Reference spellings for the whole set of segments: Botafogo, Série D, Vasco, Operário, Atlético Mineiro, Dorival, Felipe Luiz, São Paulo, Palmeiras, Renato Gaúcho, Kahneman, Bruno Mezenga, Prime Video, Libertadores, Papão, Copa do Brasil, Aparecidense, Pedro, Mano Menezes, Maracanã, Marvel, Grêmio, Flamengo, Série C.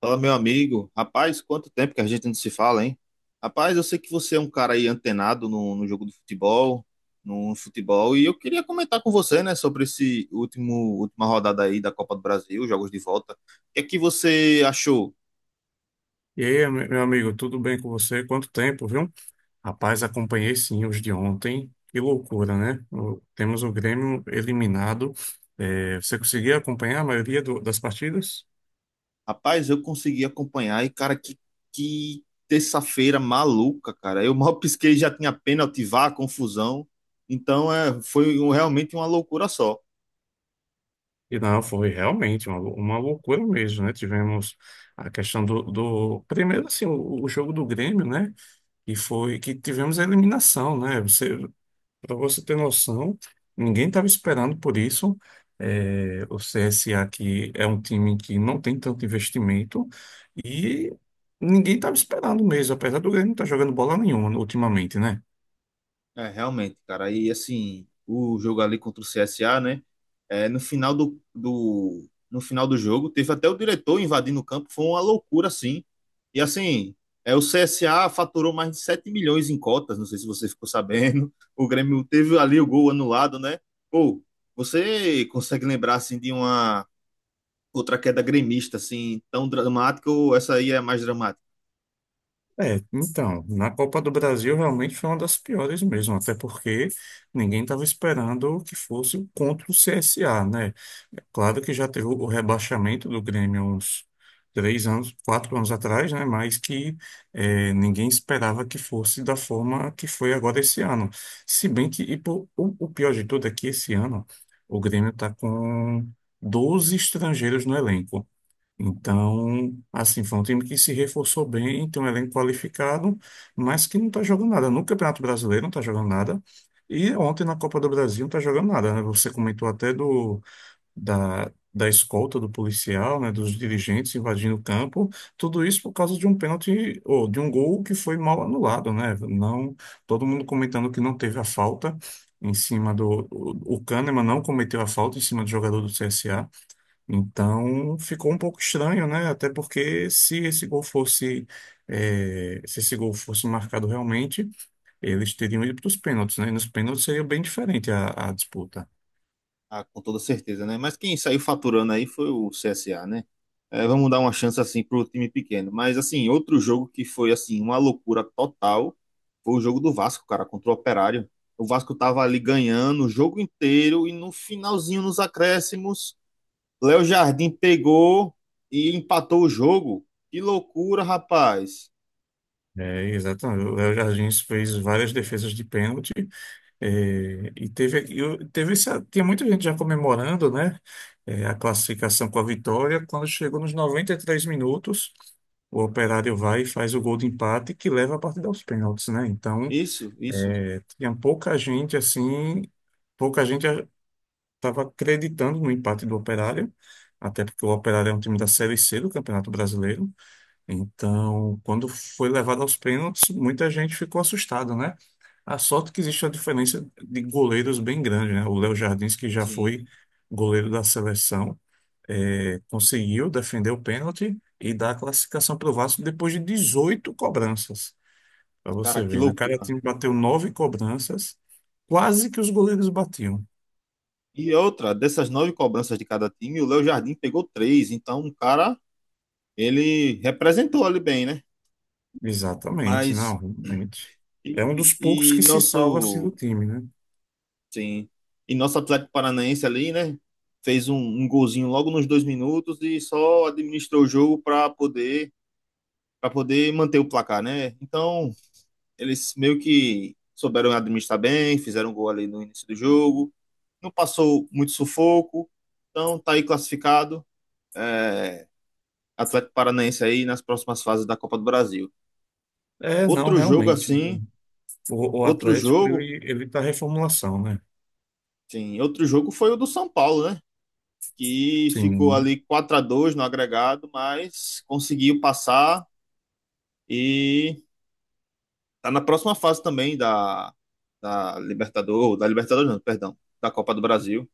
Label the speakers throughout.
Speaker 1: Fala, meu amigo. Rapaz, quanto tempo que a gente não se fala, hein? Rapaz, eu sei que você é um cara aí antenado no jogo do futebol, no futebol, e eu queria comentar com você, né, sobre última rodada aí da Copa do Brasil, jogos de volta. O que é que você achou?
Speaker 2: E aí, meu amigo, tudo bem com você? Quanto tempo, viu? Rapaz, acompanhei sim os de ontem. Que loucura, né? Temos o Grêmio eliminado. É, você conseguia acompanhar a maioria das partidas?
Speaker 1: Rapaz, eu consegui acompanhar e, cara, que terça-feira maluca, cara. Eu mal pisquei, já tinha pênalti, vá, confusão. Então, é, foi realmente uma loucura só.
Speaker 2: E não, foi realmente uma loucura mesmo, né? Tivemos a questão primeiro assim, o jogo do Grêmio, né? E foi que tivemos a eliminação, né? Para você ter noção, ninguém estava esperando por isso. É, o CSA aqui é um time que não tem tanto investimento e ninguém estava esperando mesmo, apesar do Grêmio não estar jogando bola nenhuma ultimamente, né?
Speaker 1: É, realmente, cara. E assim, o jogo ali contra o CSA, né? É, no final no final do jogo, teve até o diretor invadindo o campo, foi uma loucura, assim. E assim, é, o CSA faturou mais de 7 milhões em cotas, não sei se você ficou sabendo. O Grêmio teve ali o gol anulado, né? Pô, você consegue lembrar, assim, de uma outra queda gremista, assim, tão dramática ou essa aí é mais dramática?
Speaker 2: É, então, na Copa do Brasil realmente foi uma das piores mesmo, até porque ninguém estava esperando que fosse contra o CSA, né? É claro que já teve o rebaixamento do Grêmio uns 3 anos, 4 anos atrás, né? Mas que é, ninguém esperava que fosse da forma que foi agora esse ano. Se bem que, e pô, o pior de tudo é que esse ano o Grêmio está com 12 estrangeiros no elenco. Então, assim, foi um time que se reforçou bem, tem um elenco qualificado, mas que não está jogando nada. No Campeonato Brasileiro não está jogando nada. E ontem na Copa do Brasil não está jogando nada, né? Você comentou até da escolta do policial, né? Dos dirigentes invadindo o campo. Tudo isso por causa de um pênalti, ou de um gol que foi mal anulado, né? Não, todo mundo comentando que não teve a falta em cima do... O Kahneman não cometeu a falta em cima do jogador do CSA. Então ficou um pouco estranho, né? Até porque se esse gol fosse, eh, se esse gol fosse marcado realmente, eles teriam ido para os pênaltis, né? E nos pênaltis seria bem diferente a disputa.
Speaker 1: Ah, com toda certeza, né? Mas quem saiu faturando aí foi o CSA, né? É, vamos dar uma chance assim pro time pequeno. Mas assim, outro jogo que foi assim uma loucura total foi o jogo do Vasco, cara, contra o Operário. O Vasco tava ali ganhando o jogo inteiro e no finalzinho nos acréscimos, Léo Jardim pegou e empatou o jogo. Que loucura, rapaz.
Speaker 2: É, exatamente. O Léo Jardim fez várias defesas de pênalti. É, teve esse, tinha muita gente já comemorando, né, é, a classificação com a vitória. Quando chegou nos 93 minutos, o Operário vai e faz o gol de empate que leva a partida aos pênaltis, né? Então,
Speaker 1: Isso, isso.
Speaker 2: tinha pouca gente assim, pouca gente estava acreditando no empate do Operário, até porque o Operário é um time da Série C do Campeonato Brasileiro. Então, quando foi levado aos pênaltis, muita gente ficou assustada, né? A sorte que existe uma diferença de goleiros bem grande, né? O Léo Jardins, que já
Speaker 1: Sim.
Speaker 2: foi goleiro da seleção, conseguiu defender o pênalti e dar a classificação para o Vasco depois de 18 cobranças. Pra
Speaker 1: Cara,
Speaker 2: você
Speaker 1: que
Speaker 2: ver, né? Cada
Speaker 1: loucura.
Speaker 2: time bateu 9 cobranças, quase que os goleiros batiam.
Speaker 1: E outra, dessas 9 cobranças de cada time, o Léo Jardim pegou 3. Então, um cara ele representou ali bem, né?
Speaker 2: Exatamente, não,
Speaker 1: Mas
Speaker 2: realmente. É um dos
Speaker 1: e,
Speaker 2: poucos
Speaker 1: e
Speaker 2: que se salva assim
Speaker 1: nosso,
Speaker 2: do time, né?
Speaker 1: sim, e nosso Atlético Paranaense ali, né? Fez um golzinho logo nos 2 minutos e só administrou o jogo para poder manter o placar, né? Então eles meio que souberam administrar bem, fizeram um gol ali no início do jogo, não passou muito sufoco, então tá aí classificado. É, Atlético Paranaense aí nas próximas fases da Copa do Brasil.
Speaker 2: É, não,
Speaker 1: Outro jogo
Speaker 2: realmente.
Speaker 1: assim,
Speaker 2: O
Speaker 1: outro
Speaker 2: Atlético,
Speaker 1: jogo
Speaker 2: ele tá reformulação, né?
Speaker 1: Sim, outro jogo foi o do São Paulo, né? Que ficou
Speaker 2: Sim,
Speaker 1: ali 4 a 2 no agregado, mas conseguiu passar e tá na próxima fase também da, da Libertadores não, perdão, da Copa do Brasil.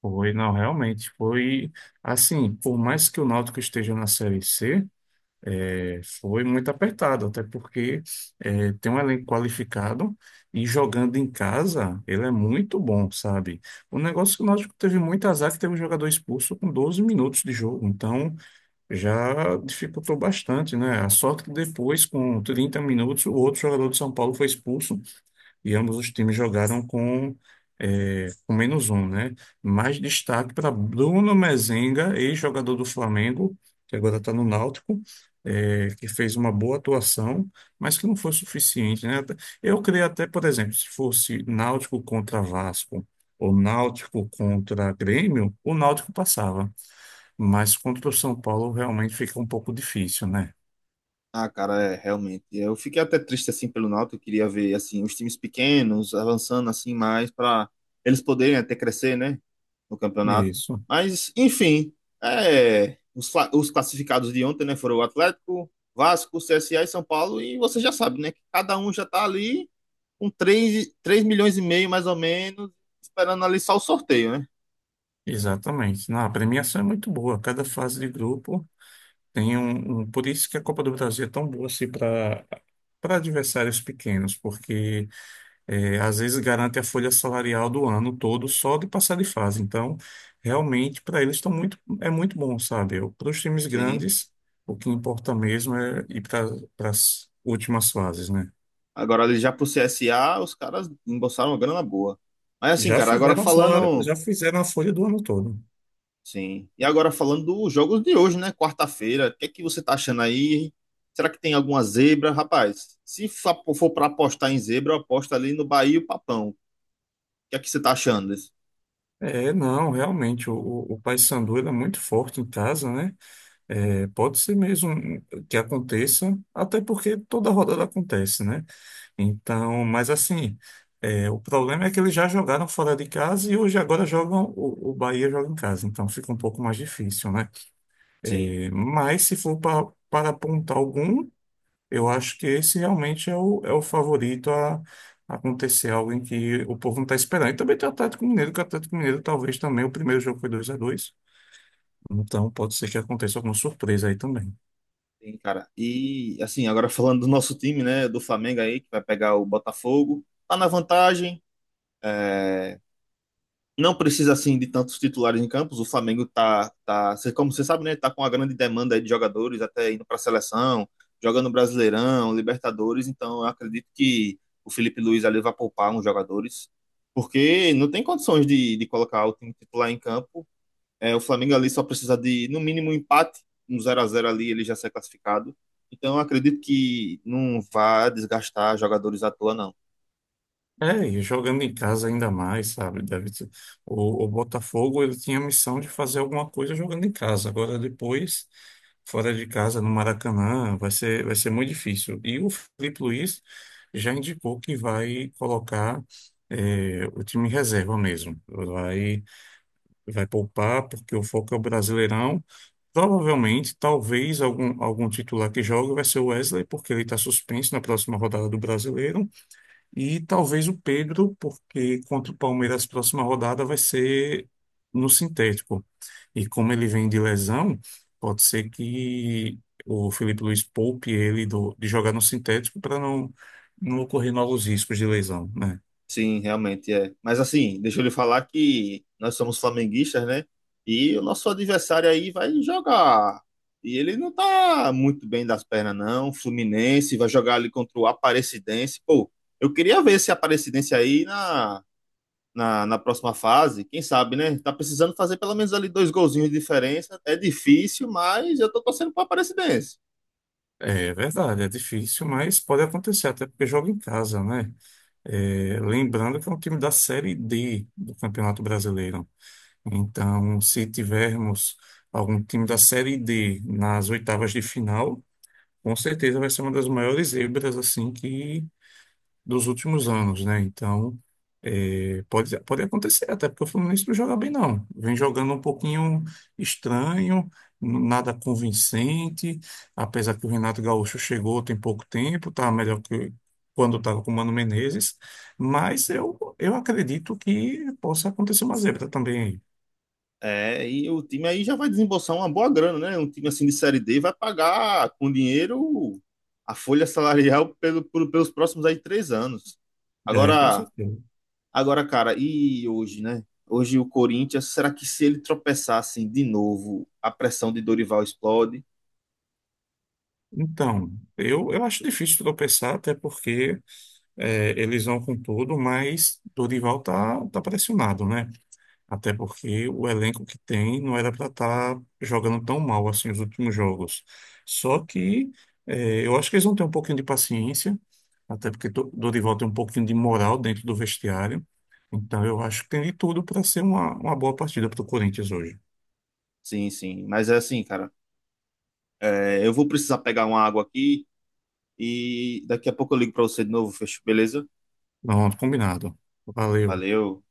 Speaker 2: foi, não, realmente. Foi assim, por mais que o Náutico esteja na Série C. É, foi muito apertado, até porque é, tem um elenco qualificado e jogando em casa ele é muito bom, sabe? O negócio que o Náutico teve muito azar é que teve um jogador expulso com 12 minutos de jogo, então já dificultou bastante, né? A sorte que depois, com 30 minutos, o outro jogador de São Paulo foi expulso e ambos os times jogaram com, é, com menos um, né? Mais destaque para Bruno Mezenga, ex-jogador do Flamengo, que agora está no Náutico, é, que fez uma boa atuação, mas que não foi suficiente, né? Eu creio até, por exemplo, se fosse Náutico contra Vasco ou Náutico contra Grêmio, o Náutico passava, mas contra o São Paulo realmente fica um pouco difícil, né?
Speaker 1: Ah, cara, é, realmente. Eu fiquei até triste assim pelo Náutico, eu queria ver assim os times pequenos avançando assim mais para eles poderem até crescer, né, no campeonato.
Speaker 2: Isso,
Speaker 1: Mas enfim, é, os classificados de ontem, né, foram o Atlético, Vasco, CSA e São Paulo, e você já sabe, né, que cada um já tá ali com 3,5 milhões mais ou menos, esperando ali só o sorteio, né?
Speaker 2: exatamente. Não, a premiação é muito boa. Cada fase de grupo tem um, por isso que a Copa do Brasil é tão boa assim para adversários pequenos, porque é, às vezes garante a folha salarial do ano todo só de passar de fase. Então, realmente para eles estão muito é muito bom, sabe? Para os times
Speaker 1: Sim.
Speaker 2: grandes, o que importa mesmo é ir para as últimas fases, né?
Speaker 1: Agora ali já pro CSA, os caras embolsaram uma grana boa. Mas assim,
Speaker 2: Já
Speaker 1: cara, agora
Speaker 2: fizeram salário,
Speaker 1: falando
Speaker 2: já fizeram a folha do ano todo.
Speaker 1: Sim. E agora falando dos jogos de hoje, né? Quarta-feira, o que é que você tá achando aí? Será que tem alguma zebra? Rapaz, se fa- for para apostar em zebra, eu aposto ali no Bahia e o Papão. O que é que você tá achando disso?
Speaker 2: É, não, realmente o Paysandu ele é muito forte em casa, né? É, pode ser mesmo que aconteça, até porque toda rodada acontece, né? Então, mas assim, é, o problema é que eles já jogaram fora de casa e hoje agora jogam, o Bahia joga em casa, então fica um pouco mais difícil, né?
Speaker 1: Sim,
Speaker 2: É, mas se for para apontar algum, eu acho que esse realmente é o favorito a acontecer algo em que o povo não está esperando. E também tem o Atlético Mineiro, que o Atlético Mineiro talvez também, o primeiro jogo foi 2-2, então pode ser que aconteça alguma surpresa aí também.
Speaker 1: sim, cara. E assim, agora falando do nosso time, né? Do Flamengo aí, que vai pegar o Botafogo. Tá na vantagem. É, não precisa assim de tantos titulares em campos. O Flamengo como você sabe, né, tá com uma grande demanda aí de jogadores, até indo para a seleção, jogando Brasileirão, Libertadores. Então, eu acredito que o Felipe Luiz ali vai poupar uns jogadores, porque não tem condições de colocar o time titular em campo. É, o Flamengo ali só precisa de, no mínimo, um empate, um zero a zero ali, ele já sai classificado. Então, eu acredito que não vá desgastar jogadores à toa, não.
Speaker 2: É, e jogando em casa ainda mais, sabe? O Botafogo ele tinha a missão de fazer alguma coisa jogando em casa. Agora depois, fora de casa, no Maracanã, vai ser muito difícil. E o Felipe Luiz já indicou que vai colocar o time em reserva mesmo. Vai poupar, porque o foco é o Brasileirão. Provavelmente, talvez, algum titular que jogue vai ser o Wesley, porque ele está suspenso na próxima rodada do Brasileiro. E talvez o Pedro, porque contra o Palmeiras, a próxima rodada vai ser no sintético. E como ele vem de lesão, pode ser que o Felipe Luiz poupe ele de jogar no sintético para não ocorrer novos riscos de lesão, né?
Speaker 1: Sim, realmente é. Mas assim, deixa eu lhe falar que nós somos flamenguistas, né? E o nosso adversário aí vai jogar. E ele não tá muito bem das pernas, não. Fluminense vai jogar ali contra o Aparecidense. Pô, eu queria ver esse Aparecidense aí na próxima fase. Quem sabe, né? Tá precisando fazer pelo menos ali 2 golzinhos de diferença. É difícil, mas eu tô torcendo pro Aparecidense.
Speaker 2: É verdade, é difícil, mas pode acontecer, até porque joga em casa, né? É, lembrando que é um time da Série D do Campeonato Brasileiro. Então, se tivermos algum time da Série D nas oitavas de final, com certeza vai ser uma das maiores zebras assim que dos últimos anos, né? Então, pode acontecer, até porque o Fluminense não joga bem, não. Vem jogando um pouquinho estranho, nada convincente, apesar que o Renato Gaúcho chegou tem pouco tempo, tá melhor que quando estava com o Mano Menezes, mas eu acredito que possa acontecer uma zebra também aí.
Speaker 1: É, e o time aí já vai desembolsar uma boa grana, né? Um time assim de Série D vai pagar com dinheiro a folha salarial pelos próximos aí 3 anos.
Speaker 2: É, com
Speaker 1: Agora,
Speaker 2: certeza.
Speaker 1: agora, cara, e hoje, né? Hoje o Corinthians, será que se ele tropeçar assim de novo, a pressão de Dorival explode?
Speaker 2: Então, eu acho difícil tropeçar, até porque é, eles vão com tudo, mas Dorival tá pressionado, né? Até porque o elenco que tem não era para estar jogando tão mal assim os últimos jogos. Só que é, eu acho que eles vão ter um pouquinho de paciência, até porque Dorival tem um pouquinho de moral dentro do vestiário. Então, eu acho que tem de tudo para ser uma boa partida para o Corinthians hoje.
Speaker 1: Sim, sim. Mas é assim, cara, é, eu vou precisar pegar uma água aqui e daqui a pouco eu ligo pra você de novo. Fechou, beleza?
Speaker 2: Pronto, combinado. Valeu.
Speaker 1: Valeu.